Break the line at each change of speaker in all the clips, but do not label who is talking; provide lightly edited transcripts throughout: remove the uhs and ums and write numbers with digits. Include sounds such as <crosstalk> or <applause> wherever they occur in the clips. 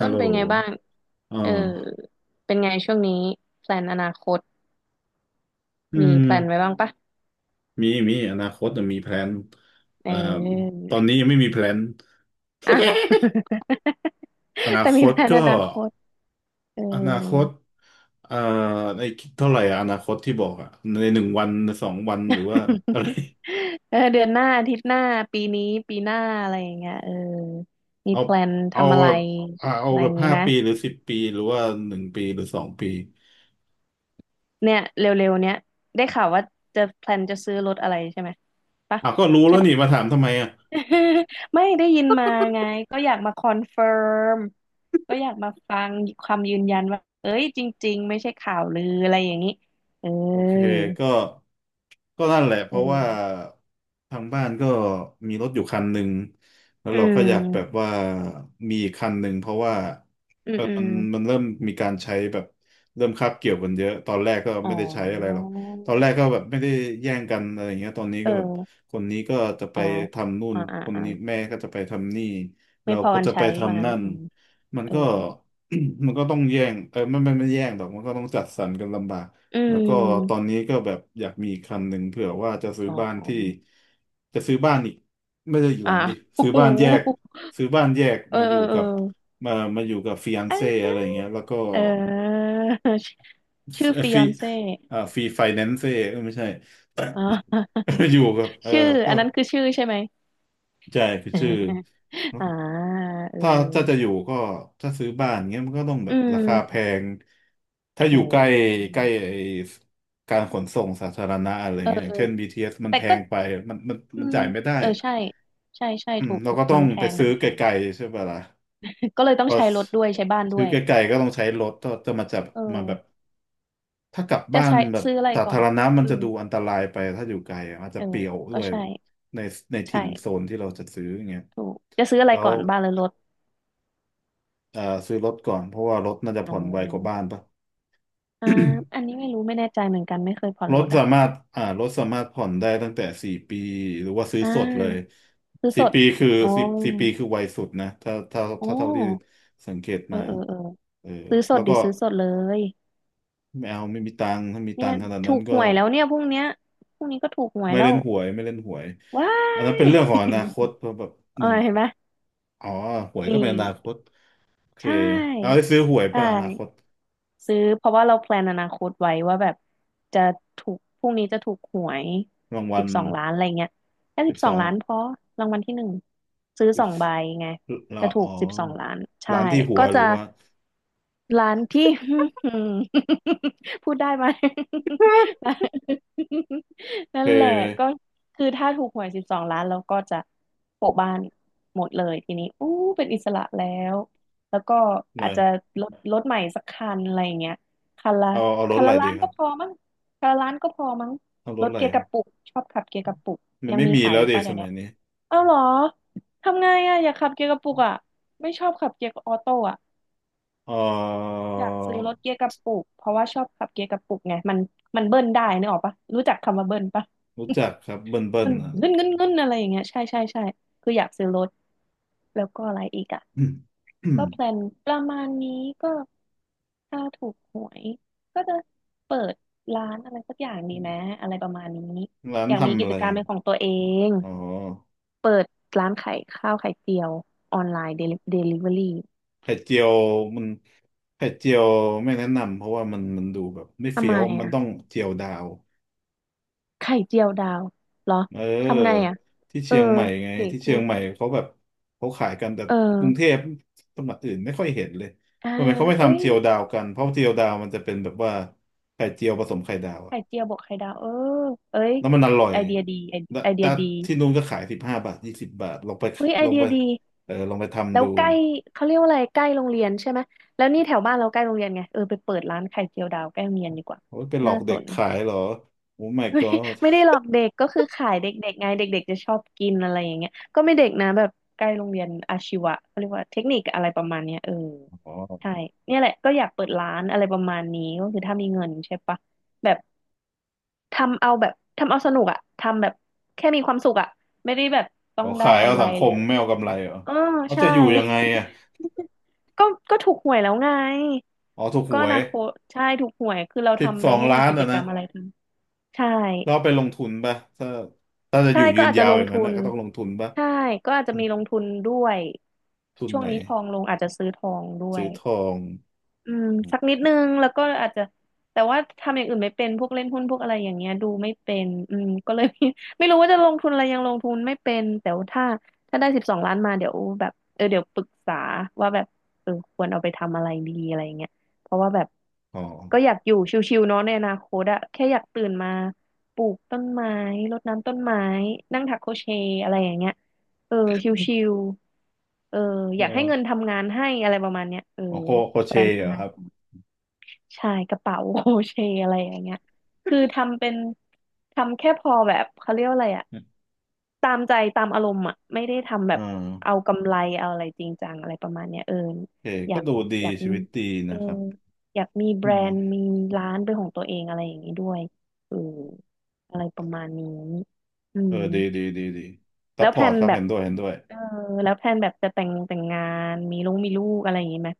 ฮั
้
ล
น
โหล
เป็นไงบ้าง
อ๋
เออ
อ
เป็นไงช่วงนี้แพลนอนาคต
อื
มี
ม
แพลนไว้บ้างปะ
มี อนาคตนะมีแพลน
เอ
เอ่อตอนนี้
อ <laughs>
ยังไม่มีแพลน
อ้าว <laughs>
อนา
แต่
ค
มี
ต
แพลน
ก็
อนาคตเออ
อนาคตเอ่อในเท่าไหร่อะอนาคตที่บอกอะใน1 วัน 2 วัน หรือว่าอะไร
<laughs>
<laughs>
เออเดือนหน้าอาทิตย์หน้าปีนี้ปีหน้าอะไรอย่างเงี้ยเออมี
เอา
แพลน
เอา
ทำอะ
แบ
ไร
บเอา
อะไรอ
แบบ
ย่างงี้
ห้า
ไหม
ปีหรือ10 ปีหรือว่า1 ปีหรือ2 ปี
เนี่ยเร็วๆเนี้ยได้ข่าวว่าจะแพลนจะซื้อรถอะไรใช่ไหมปะ
อ่ะก็รู้
ใช่
แล้วนี่มาถามทำไมอะ
<laughs> ไม่ได้ยินมาไงก็อยากมาคอนเฟิร์มก็อยากมาฟังความยืนยันว่าเอ้ยจริงๆไม่ใช่ข่าวลืออะไรอย่างนี้เอ
โอเค
อ
ก็ก็นั่นแหละเพราะว่า
เออ
ทางบ้านก็มีรถอยู่คันหนึ่งแล้ว
อื
เราก็อยากแบบ
ม
ว่ามีอีกคันหนึ่งเพราะว่า
อื
เอ
ม
อ
อืม
มันเริ่มมีการใช้แบบเริ่มคาบเกี่ยวกันเยอะตอนแรกก็
อ๋
ไม่ได้ใช้อะไรหร
อ
อกตอนแรกก็แบบไม่ได้แย่งกันอะไรอย่างเงี้ยตอนนี้
เอ
ก็แบบ
อ
คนนี้ก็จะไป
อ๋อ
ทำนู่น
อ๋ออ่า
คน
อ่า
นี้แม่ก็จะไปทำนี่
ไม่
เรา
พอ
ก็
กัน
จะไป
ใช้ว่า
ทำ
งั้น
นั่น
อืม
มัน
เออ
ก็ <clears throat> มันก็ต้องแย่งเออไม่แย่งหรอกมันก็ต้องจัดสรรกันลำบาก
อื
แล้วก็ตอน
ม
นี้ก็แบบอยากมีอีกคันหนึ่งเผื่อว่าจะซื้อ
อ๋
บ้านที่
อ
จะซื้อบ้านอีกไม่ใช่อีกห
อ่า
ลังดิ
<laughs> โอ้
ซื้อ
โห
บ้านแยกซื้อบ้านแยก
เออ
มาอ
เอ
ยู่
อเอ
กับมาอยู่กับฟิอันเซ่อะไรอย่างเงี้
อ
ยแล้วก็
เออชื่อฟิย
ฟี
อนเซ่
อ่าฟีไฟแนนเซ่อ free finance เออไม่ใช่
อ๋
<coughs>
อ
<laughs> อยู่กับเออ
ชื่อ
ก็
อันนั้นคือชื่อใช่ไหม
ใช่คือชื่อ
<laughs> อ่าเออ
ถ้าจะอยู่ก็ถ้าซื้อบ้านเงี้ยมันก็ต้องแบ
อื
บราคาแพ
ม
ง ถ้าอ
โอ
ยู่ใกล้
้
ใกล้ไอ้การขนส่งสาธารณะอะไร
เออ
เงี้ยอย่า
เอ
ง
อ
เช่น BT มัน
แต่
แพ
ก็
งไป
อื
มัน
ม
จ่ายไม่ได้
เออใช่ ใช่ใช่
อืม
ถูก
เรา
ถูก
ก็ต้อ
มั
ง
นแพ
ไป
งมั
ซื้
น
อ
แพ
ไก
ง
ลๆใช่ปะล่ะ
<laughs> ก็เลยต้อ
พ
ง
อ
ใช้รถด้วยใช้บ้านด้
ซื้อ
วย
ไกลๆก็ต้องใช้รถก็จะมาจับ
เ
มาแบบ
ออ
ถ้ากลับ
จะ
บ้าน
ใช้
แบบ
ซื้ออะไร
สา
ก่อ
ธา
น
รณะมัน
อื
จะ
ม
ดูอันตรายไปถ้าอยู่ไกลอะอาจจะ
เออ
เปลี่ยวด้
ก็
วย
ใช่
ใน
ใช่
ถิ่นโซนที่เราจะซื้ออย่างเงี้ย
ถูก จะซื้ออะไร
แล้
ก่
ว
อนบ้านหรือรถ
อ่าซื้อรถก่อนเพราะว่ารถน่าจะ
อ๋อ
ผ่อนไวกว่าบ้านปะ
อ่าอันนี้ไม่รู้ไม่แน่ใจเหมือนกันไม่เคยผ่อน
ร
ร
ถ
ถ
สา
อ่ะ
มารถอ่ารถสามารถผ่อนได้ตั้งแต่สี่ปีหรือว่าซื้อ
อ่
สดเลย
าซื้อส
สี่
ด
ปีคือ
อ๋อ
สี่ปีคือไวสุดนะ
อ๋อ
ถ้าเท่าที่สังเกต
เออ
มา
เออเออ
เออ
ซื้อส
แล้
ด
ว
ดิ
ก็
ซื้อสดเลย
ไม่เอาไม่มีตังค์ถ้ามี
เนี่
ตั
ย
งค์ขนาด
ถู
นั้น
กห
ก็
วยแล้วเนี่ยพรุ่งเนี้ยพรุ่งนี้ก็ถูกหวยแล้ว
ไม่เล่นหวย
ว้า
อันนั้น
ย
เป็นเรื่องของอนาคตเพราะแบบ
<laughs> เออ
มัน
เห็นไหม
อ๋อหวยก็
นี่
เป็นอนาคตโอเค
ใช
เอา
่
ได้ซื้อหวย
ใช่
ป่ะอนาคต
ซื้อเพราะว่าเราแพลนอนาคตไว้ว่าแบบจะถูกพรุ่งนี้จะถูกหวย
รางวั
สิบ
ล
สองล้านอะไรเงี้ยแค่
สิ
สิ
บ
บส
ส
อ
อ
ง
ง
ล้านพอรางวัลที่หนึ่งซื้อสองใบไง
ร้า
จะ
น
ถู
อ๋
ก
อ
สิบสองล้านใช่
ร้านที่หัว
ก็
ห
จะ
รือว่า
ร้านที่ <laughs> พูดได้ไหม <laughs> นั่
เอ
นแหละก็
อ
คือถ้าถูกหวยสิบสองล้านเราก็จะโปะบ้านหมดเลยทีนี้อู้เป็นอิสระแล้วแล้วก็
หน่
อา
อ
จ
ย
จะรถรถใหม่สักคันอะไรอย่างเงี้ยคันละ
เอาร
คั
ถ
น
อะไร
ละ
ดี
ล้าน
ครั
ก็
บ
พอมั้งคันละล้านก็พอมั้ง
เอาร
ร
ถ
ถ
อะไร
เกียร์
ค
ก
รั
ระ
บ
ปุกชอบขับเกียร์กระปุก
มัน
ยัง
ไม่
มี
มี
ขาย
แล้
อ
ว
ยู่
เด
ป่ะ
ส
เดี๋ยว
มั
เนี้
ย
ย
นี้
เอ้าเหรอทำไงอ่ะอยากขับเกียร์กระปุกอ่ะไม่ชอบขับเกียร์ออโต้อ่ะ
เออ
อยากซื้อรถเกียร์กระปุกเพราะว่าชอบขับเกียร์กระปุกไงมันเบิ้ลได้นึกออกปะรู้จักคำว่าเบิ้ลปะ
รู้จักครับ
<laughs>
เบิ้
มั
ล
น
อ่ะ
เงินเงินเงินอะไรอย่างเงี้ยใช่ใช่ใช่คืออยากซื้อรถแล้วก็อะไรอีกอ่ะก็แพลนประมาณนี้ก็ถ้าถูกหวยก็จะเปิดร้านอะไรสักอย่างดีไหมอะไรประมาณนี้
<coughs> ร้าน
อยากมี
ทำ
กิ
อะ
จ
ไร
การ
อะ
เป็นของตัวเอง
อ๋อ
เปิดร้านขายข้าวไข่เจียวออนไลน์เดลิเวอรี่
ไข่เจียวมันไข่เจียวไม่แนะนำเพราะว่ามันดูแบบไม่
ทำ
เฟี้ย
ไม
วมันต้อง
อ่ะ
เจียวดาว
ไข่เจียวดาวเหรอ
เ
ทำไง
ออ
อ่ะ
ที่
เอ
เชี
อ
ยงใหม่ไง
เก๋
ที่
กู
เชียง
ด
ใหม่เขาแบบเขาขายกันแต่
เอ
กรุงเท
อ
พจังหวัดอื่นไม่ค่อยเห็นเลย
อ่า
ทำไมเขาไม่
เอ้
ทำ
ย
เจียวดาวกันเพราะเจียวดาวมันจะเป็นแบบว่าไข่เจียวผสมไข่ดาว
ไข่
อะ
เจียวบวกไข่ดาวเออเอ้ย
แล้วมันอร่อย
ไอเดียดีไอ
แต่
ไอเดี
แต่
ยดี
ที่นู้นก็ขาย15 บาท20 บาท
เฮ้ยไอ
ลอง
เดี
ไป
ยดี
เออลองไป
แล้
ทำ
ว
ดู
ใกล้เขาเรียกว่าอะไรใกล้โรงเรียนใช่ไหมแล้วนี่แถวบ้านเราใกล้โรงเรียนไงเออไปเปิดร้านไข่เจียวดาวใกล้โรงเรียนดีกว่า
โอ้ยไปหลอ
น่า
ก
ส
เด็ก
น
ขายเห
<laughs>
รอโอ้ my
ไม่
god
ไม่ได้หลอกเด็กก็คือขายเด็กๆไงเด็กๆจะชอบกินอะไรอย่างเงี้ยก็ไม่เด็กนะแบบใกล้โรงเรียนอาชีวะเขาเรียกว่าเทคนิคอะไรประมาณเนี้ยเออ
อ๋อ
ใช่เนี่ยแหละก็อยากเปิดร้านอะไรประมาณนี้ก็คือถ้ามีเงินใช่ปะแบบ ทำเอาแบบทำเอาสนุกอะทำแบบแค่มีความสุขอะไม่ได้แบบต้
อ๋
อ
อ
งได้
ขายเอา
กำไร
สังค
หรือ
ม
อะไร
ไม่เอากำไรเหรอ
เออ
เขา
ใช่
จะอยู่ยังไงอ่ะ
<laughs> ก็ก็ถูกหวยแล้วไง
อ๋อถูกห
ก็
ว
อ
ย
นาคตใช่ถูกหวยคือเรา
สิบ
ทำ
ส
ไป
อง
ให้มี
ล้าน
กิจ
อ่ะ
กร
นะ
รมอะไรทำใช่
เราไปลงทุนป่ะถ้าจะอ
ใช่
ยู่
ก็
ยืน
อาจจะ
ยาว
ล
อ
ง
ย่างนั้
ทุ
นนะ
น
ก็ต้องลงทุนป่ะ
ใช่ก็อาจจะ
อืม
มีลงทุนด้วย
ทุน
ช่วง
ไหน
นี้ทองลงอาจจะซื้อทองด้ว
ซื้
ย
อทอง
อืมสักนิดนึงแล้วก็อาจจะแต่ว่าทำอย่างอื่นไม่เป็นพวกเล่นหุ้นพวกอะไรอย่างเงี้ยดูไม่เป็นอืมก็เลย <laughs> ไม่รู้ว่าจะลงทุนอะไรยังลงทุนไม่เป็นแต่ว่าถ้าได้สิบสองล้านมาเดี๋ยวแบบเออเดี๋ยวปรึกษาว่าแบบเออควรเอาไปทำอะไรดีอะไรอย่างเงี้ยเพราะว่าแบบ
อ๋อ
ก็อยากอยู่ชิวๆเนาะในอนาคตอะแค่อยากตื่นมาปลูกต้นไม้รดน้ำต้นไม้นั่งถักโครเชต์อะไรอย่างเงี้ยเออชิวๆเออ
เ
อยากให้เงิน
ออ
ทำงานให้อะไรประมาณเนี้ยเออ
อ๋อโคโค
แพ
เช
ล
เหรอครับ
น ใช่กระเป๋า <laughs> โอเชต์อะไรอย่างเงี้ยคือทำเป็นทำแค่พอแบบเขาเรียกว่าอะไรอะตามใจตามอารมณ์อะไม่ได้ทำแบ
อ่
บเอา
า
กำไรเอาอะไรจริงจังอะไรประมาณเนี้ยเออ
โอเค
อ
ก็
ยาก
ดูดี
อยาก
ชี
มี
วิตดี
เอ
นะ
อ
ครับ
อยากมีแบ
อื
ร
ม
นด์มีร้านเป็นของตัวเองอะไรอย่างนี้ด้วยเอออะไรประมาณนี้อื
เออ
ม
ดีซั
แล้
พ
ว
พ
แพ
อ
ล
ร์ต
น
ครับ
แบบ
เห็นด้วย
เออแล้วแพลนแบบจะแต่งงานมีลูกอะไรอย่างนี้ไหม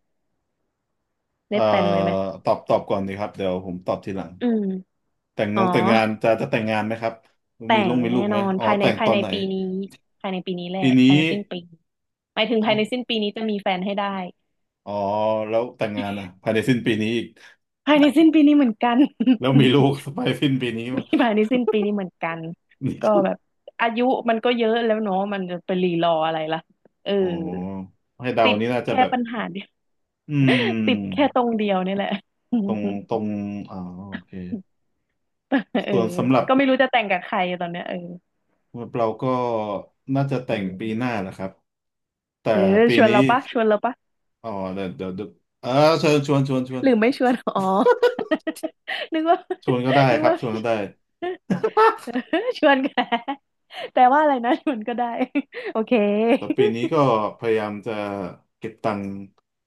ได้
เอ่อ
แพลนไว้ไหม
ตอบก่อนดีครับเดี๋ยวผมตอบทีหลัง
อืมอ๋อ
แต่งงานจะจะแต่งงานไหมครับ
แต่
มี
ง
มีลู
แน่
กไห
น
ม
อน
อ๋อ
ภายใน
แต่ง
ภา
ต
ย
อ
ใน
นไหน
ปีนี้ภายในปีนี้แหละ
ปี
ภาย
นี้
ในสิ้นปีหมายถึง
เอ้า
ภายในสิ้นปีนี้จะมีแฟนให้ได้
อ๋อแล้วแต่งงานนะภายในสิ้นปีนี้อีก
ภายในสิ้นปีนี้เหมือนกัน <laughs>
แล้วมีลูก <laughs> ไปสิ้นปีนี้ <laughs> ม
มีภายในสิ้นปีนี้เหมือนกัน
นี่
ก็
ก
แบบอายุมันก็เยอะแล้วเนาะมันจะไปรีรออะไรล่ะเออ
อ๋อให้เดา
ติด
นี่น่าจะ
แค่
แบบ
ปัญหาเดียว
อื
<laughs> ติด
ม
แค่ตรงเดียวนี่แหละ <laughs>
ตรงตรงอ๋อโอเค
เออ
ส่วนสำหรับ
ก็ไม่รู้จะแต่งกับใครตอนเนี้ยเออ
เราก็น่าจะ
เ
แต่งปีห
ออ
น้านะครับแต่
เออ
ปี
ชวน
นี้
เราปะชวนเราปะ
อ๋อเดี๋ยวเออเชิญชวน
หรือไม่ชวนอ๋อ <laughs> นึกว่า
ชวนก็ได้
นึก
ครับ
ว่า
ชวนก็ได้
<laughs> ชวนแกแต่ว่าอะไรนะชวนก็ได้ <laughs> โอเค
แต่ปีนี้ก็พยายามจะเก็บตังค์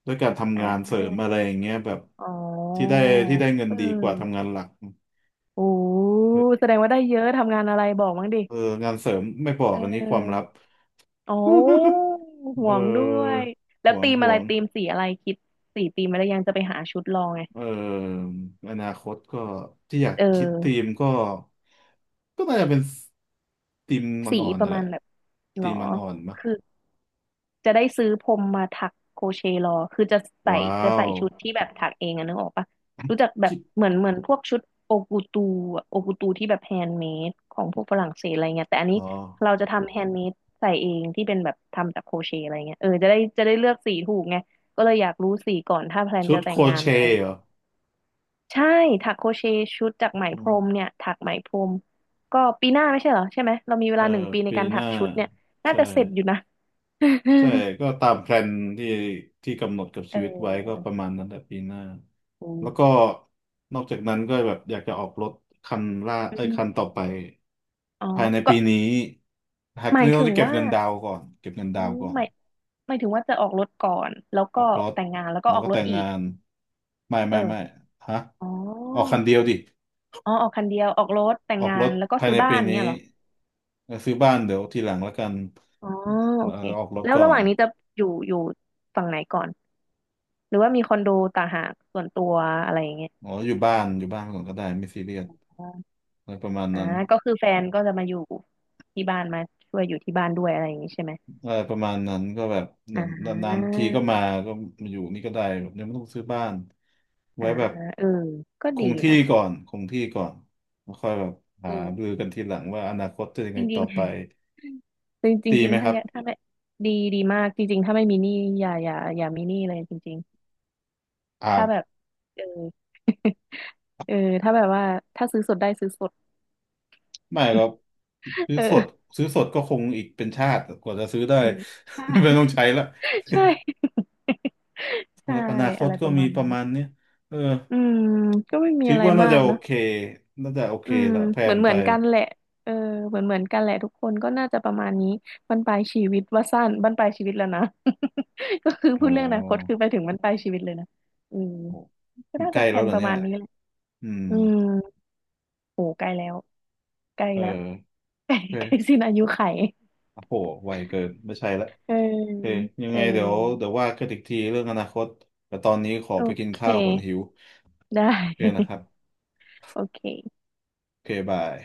ด้วยการ
<laughs> อ่
ทำงานเสริม
า
อะไรอย่างเงี้ยแบบ
อ๋อ
ที่ได้ที่ได้เงิน
เอ
ดีกว่าทำงา
อ
นหลัก
โอ้แสดงว่าได้เยอะทำงานอะไรบอกมั้างดิ
เอองานเสริมไม่บอ
เ
กอันนี้ความลั
ออ
บ
อ๋อ
<laughs>
ห่
เอ
วงด้วย
อ
แล้วธีม
ห
อะ
ว
ไร
ง
ธีมสีอะไรคิดสีธีมอะไรยังจะไปหาชุดลองไง
เอออนาคตก็ที่อยาก
เ
คิดที
ออ
มก็ก็น่าจะเป็นทีมมัน
สี
อ่อน
ป
ๆนั่
ระ
นแห
มา
ละ
ณแบบหร
ที
อ
มมันอ่อนๆมะ
คือ จะได้ซื้อพรมมาถักโครเชต์รอคือจะใส่
ว้า
จะ
ว
ใส่ชุดที่แบบถักเองอะนึกออกปะรู้จักแบ
คิ
บ
ด
เหมือนพวกชุดโอกูตูโอกูตูที่แบบแฮนด์เมดของพวกฝรั่งเศสอะไรเงี้ยแต่อันนี้
อ๋อ
เราจะทำแฮนด์เมดใส่เองที่เป็นแบบทำจากโครเชต์อะไรเงี้ยเออจะได้เลือกสีถูกไงก็เลยอยากรู้สีก่อนถ้าแพลน
ชุ
จะ
ด
แต่
โค
ง
ร
งาน
เช
อะไร
ต์เหร
เงี้ย
อ
ใช่ถักโครเชต์ชุดจากไหม
อื
พร
ม
มเนี่ยถักไหมพรมก็ปีหน้าไม่ใช่เหรอใช่ไหมเรามีเว
เออ
ลาหนึ่งปีใน
ปี
การ
ห
ถั
น้า
กชุดเนี่ยน่า
ใช่
จะเสร็จอยู่นะ <laughs>
ใช่ก็ตามแพลนที่ที่กำหนดกับ
เ
ชีวิตไว้ก็ป
ออ
ระมาณนั้นแหละปีหน้า
อื
แล้วก็
ม
นอกจากนั้นก็แบบอยากจะออกรถคันล่า
อ
เอ้ย
ม
คันต่อไป
อ๋อ
ภายใน
ก็
ปีนี้หาก
หมาย
เรื่อง
ถึงว่า
เก็บเงิน
อื
ดาวน์
ม
ก่อน
หมายถึงว่าจะออกรถก่อน แล้ว
อ
ก็
อกรถ
แต่งงานแล้วก็
แล้
อ
ว
อก
ก็
ร
แต่
ถ
ง
อี
งา
ก
นไม่
เออ
ฮะ
อ๋อ
ออกคันเดียวดิ
อ๋อออกคันเดียวออกรถแต่ง
ออก
งา
ร
น
ถ
แล้วก็
ภาย
ซื้อ
ใน
บ้าน
ปี
เงี้
นี้
ยเหรอ
เออซื้อบ้านเดี๋ยวทีหลังแล้วกัน
อ๋อโอ
เออ
เค
ออกรถ
แล้ว
ก่อ
ระห
น
ว่างนี้จะอยู่ฝั่งไหนก่อน หรือว่ามีคอนโดต่างหากส่วนตัวอะไรอย่างเงี้ย
อ๋ออยู่บ้านก่อนก็ได้ไม่ซีเรียส
อ๋อ
อะไรประมาณ
อ่า
นั้น
ก็คือแฟนก็จะมาอยู่ที่บ้านมาช่วยอยู่ที่บ้านด้วยอะไรอย่างงี้ใช่ไหม
เออประมาณนั้นก็แบบเา
อ่
มอนนาน
า
ๆทีก็มาก็มาอยู่นี่ก็ได้แบบยังไม่ต้องซื้อบ้านไว้
อ่า
แบบ
เออก็ดีนะ
คงที่ก่อนแล้วค่อยแบบ
เอ
หาดู
อ
กันทีหลังว่าอนาคตจะยัง
จ
ไง
ริ
ต่
ง
อไป
ๆ จริงจ
ตี
ริง
ไหม
ๆ
ค
ถ้า
รับ
ถ้าไม่ดีดีมากจริงๆถ้าไม่มีหนี้อย่ามีหนี้เลยจริง
อ่า
ๆถ้าแบบเออ <laughs> เออถ้าแบบว่าถ้าซื้อสดได้ซื้อสด
ไม่ก็
<laughs>
ซื้อสด
เออ
ก็คงอีกเป็นชาติกว่าจะซื้อได้
อืม
<laughs> ไม่ต้องใช้ละ
ใช่ <laughs> ใช่ <laughs>
สำ
ใช่
หรับอนาค
อะ
ต
ไร
ก็
ประ
มี
มาณ
ป
นั้
ระ
น
มาณเนี้ยเออ
อืมก็ไม่มี
คิด
อะไร
ว่าน่า
มา
จะ
ก
โอ
เนอะ
เคน่าจะโอเค
อืม
ละแพล
เหมือ
น
นเห
ไป
มือนกันแหละเออเหมือนกันแหละทุกคนก็น่าจะประมาณนี้บั้นปลายชีวิตว่าสั้นบั้นปลายชีวิตแล้วนะ <laughs> ก็คือ
โอ
พูดเรื่องอนาคต
้
คือไปถึงบั้นปลายชีวิตเลยนะอืม
โอ้
ก็
มัน
น่า
ใก
จะ
ล้
แผ
แล้ว
น
เหร
ป
อ
ระ
เนี่
มา
ย
ณนี้แหละ
อืม
อืม โอ้ใกล้แล้วใกล้
เอ
แล้ว
อ
<laughs> ใกล้
โอ
ใกล้
เค
สิ้นอายุไข
โอ้โหไวเกินไม่ใช่ละ
เออ
โอเคยัง
เอ
ไง
อ
เดี๋ยวว่ากันอีกทีเรื่องอนาคตแต่ตอนนี้ขอ
โอ
ไปกิน
เค
ข้าวก่อนหิว
ได้
โอเคนะ
<laughs>
ครับ
โอเค
โอเคบาย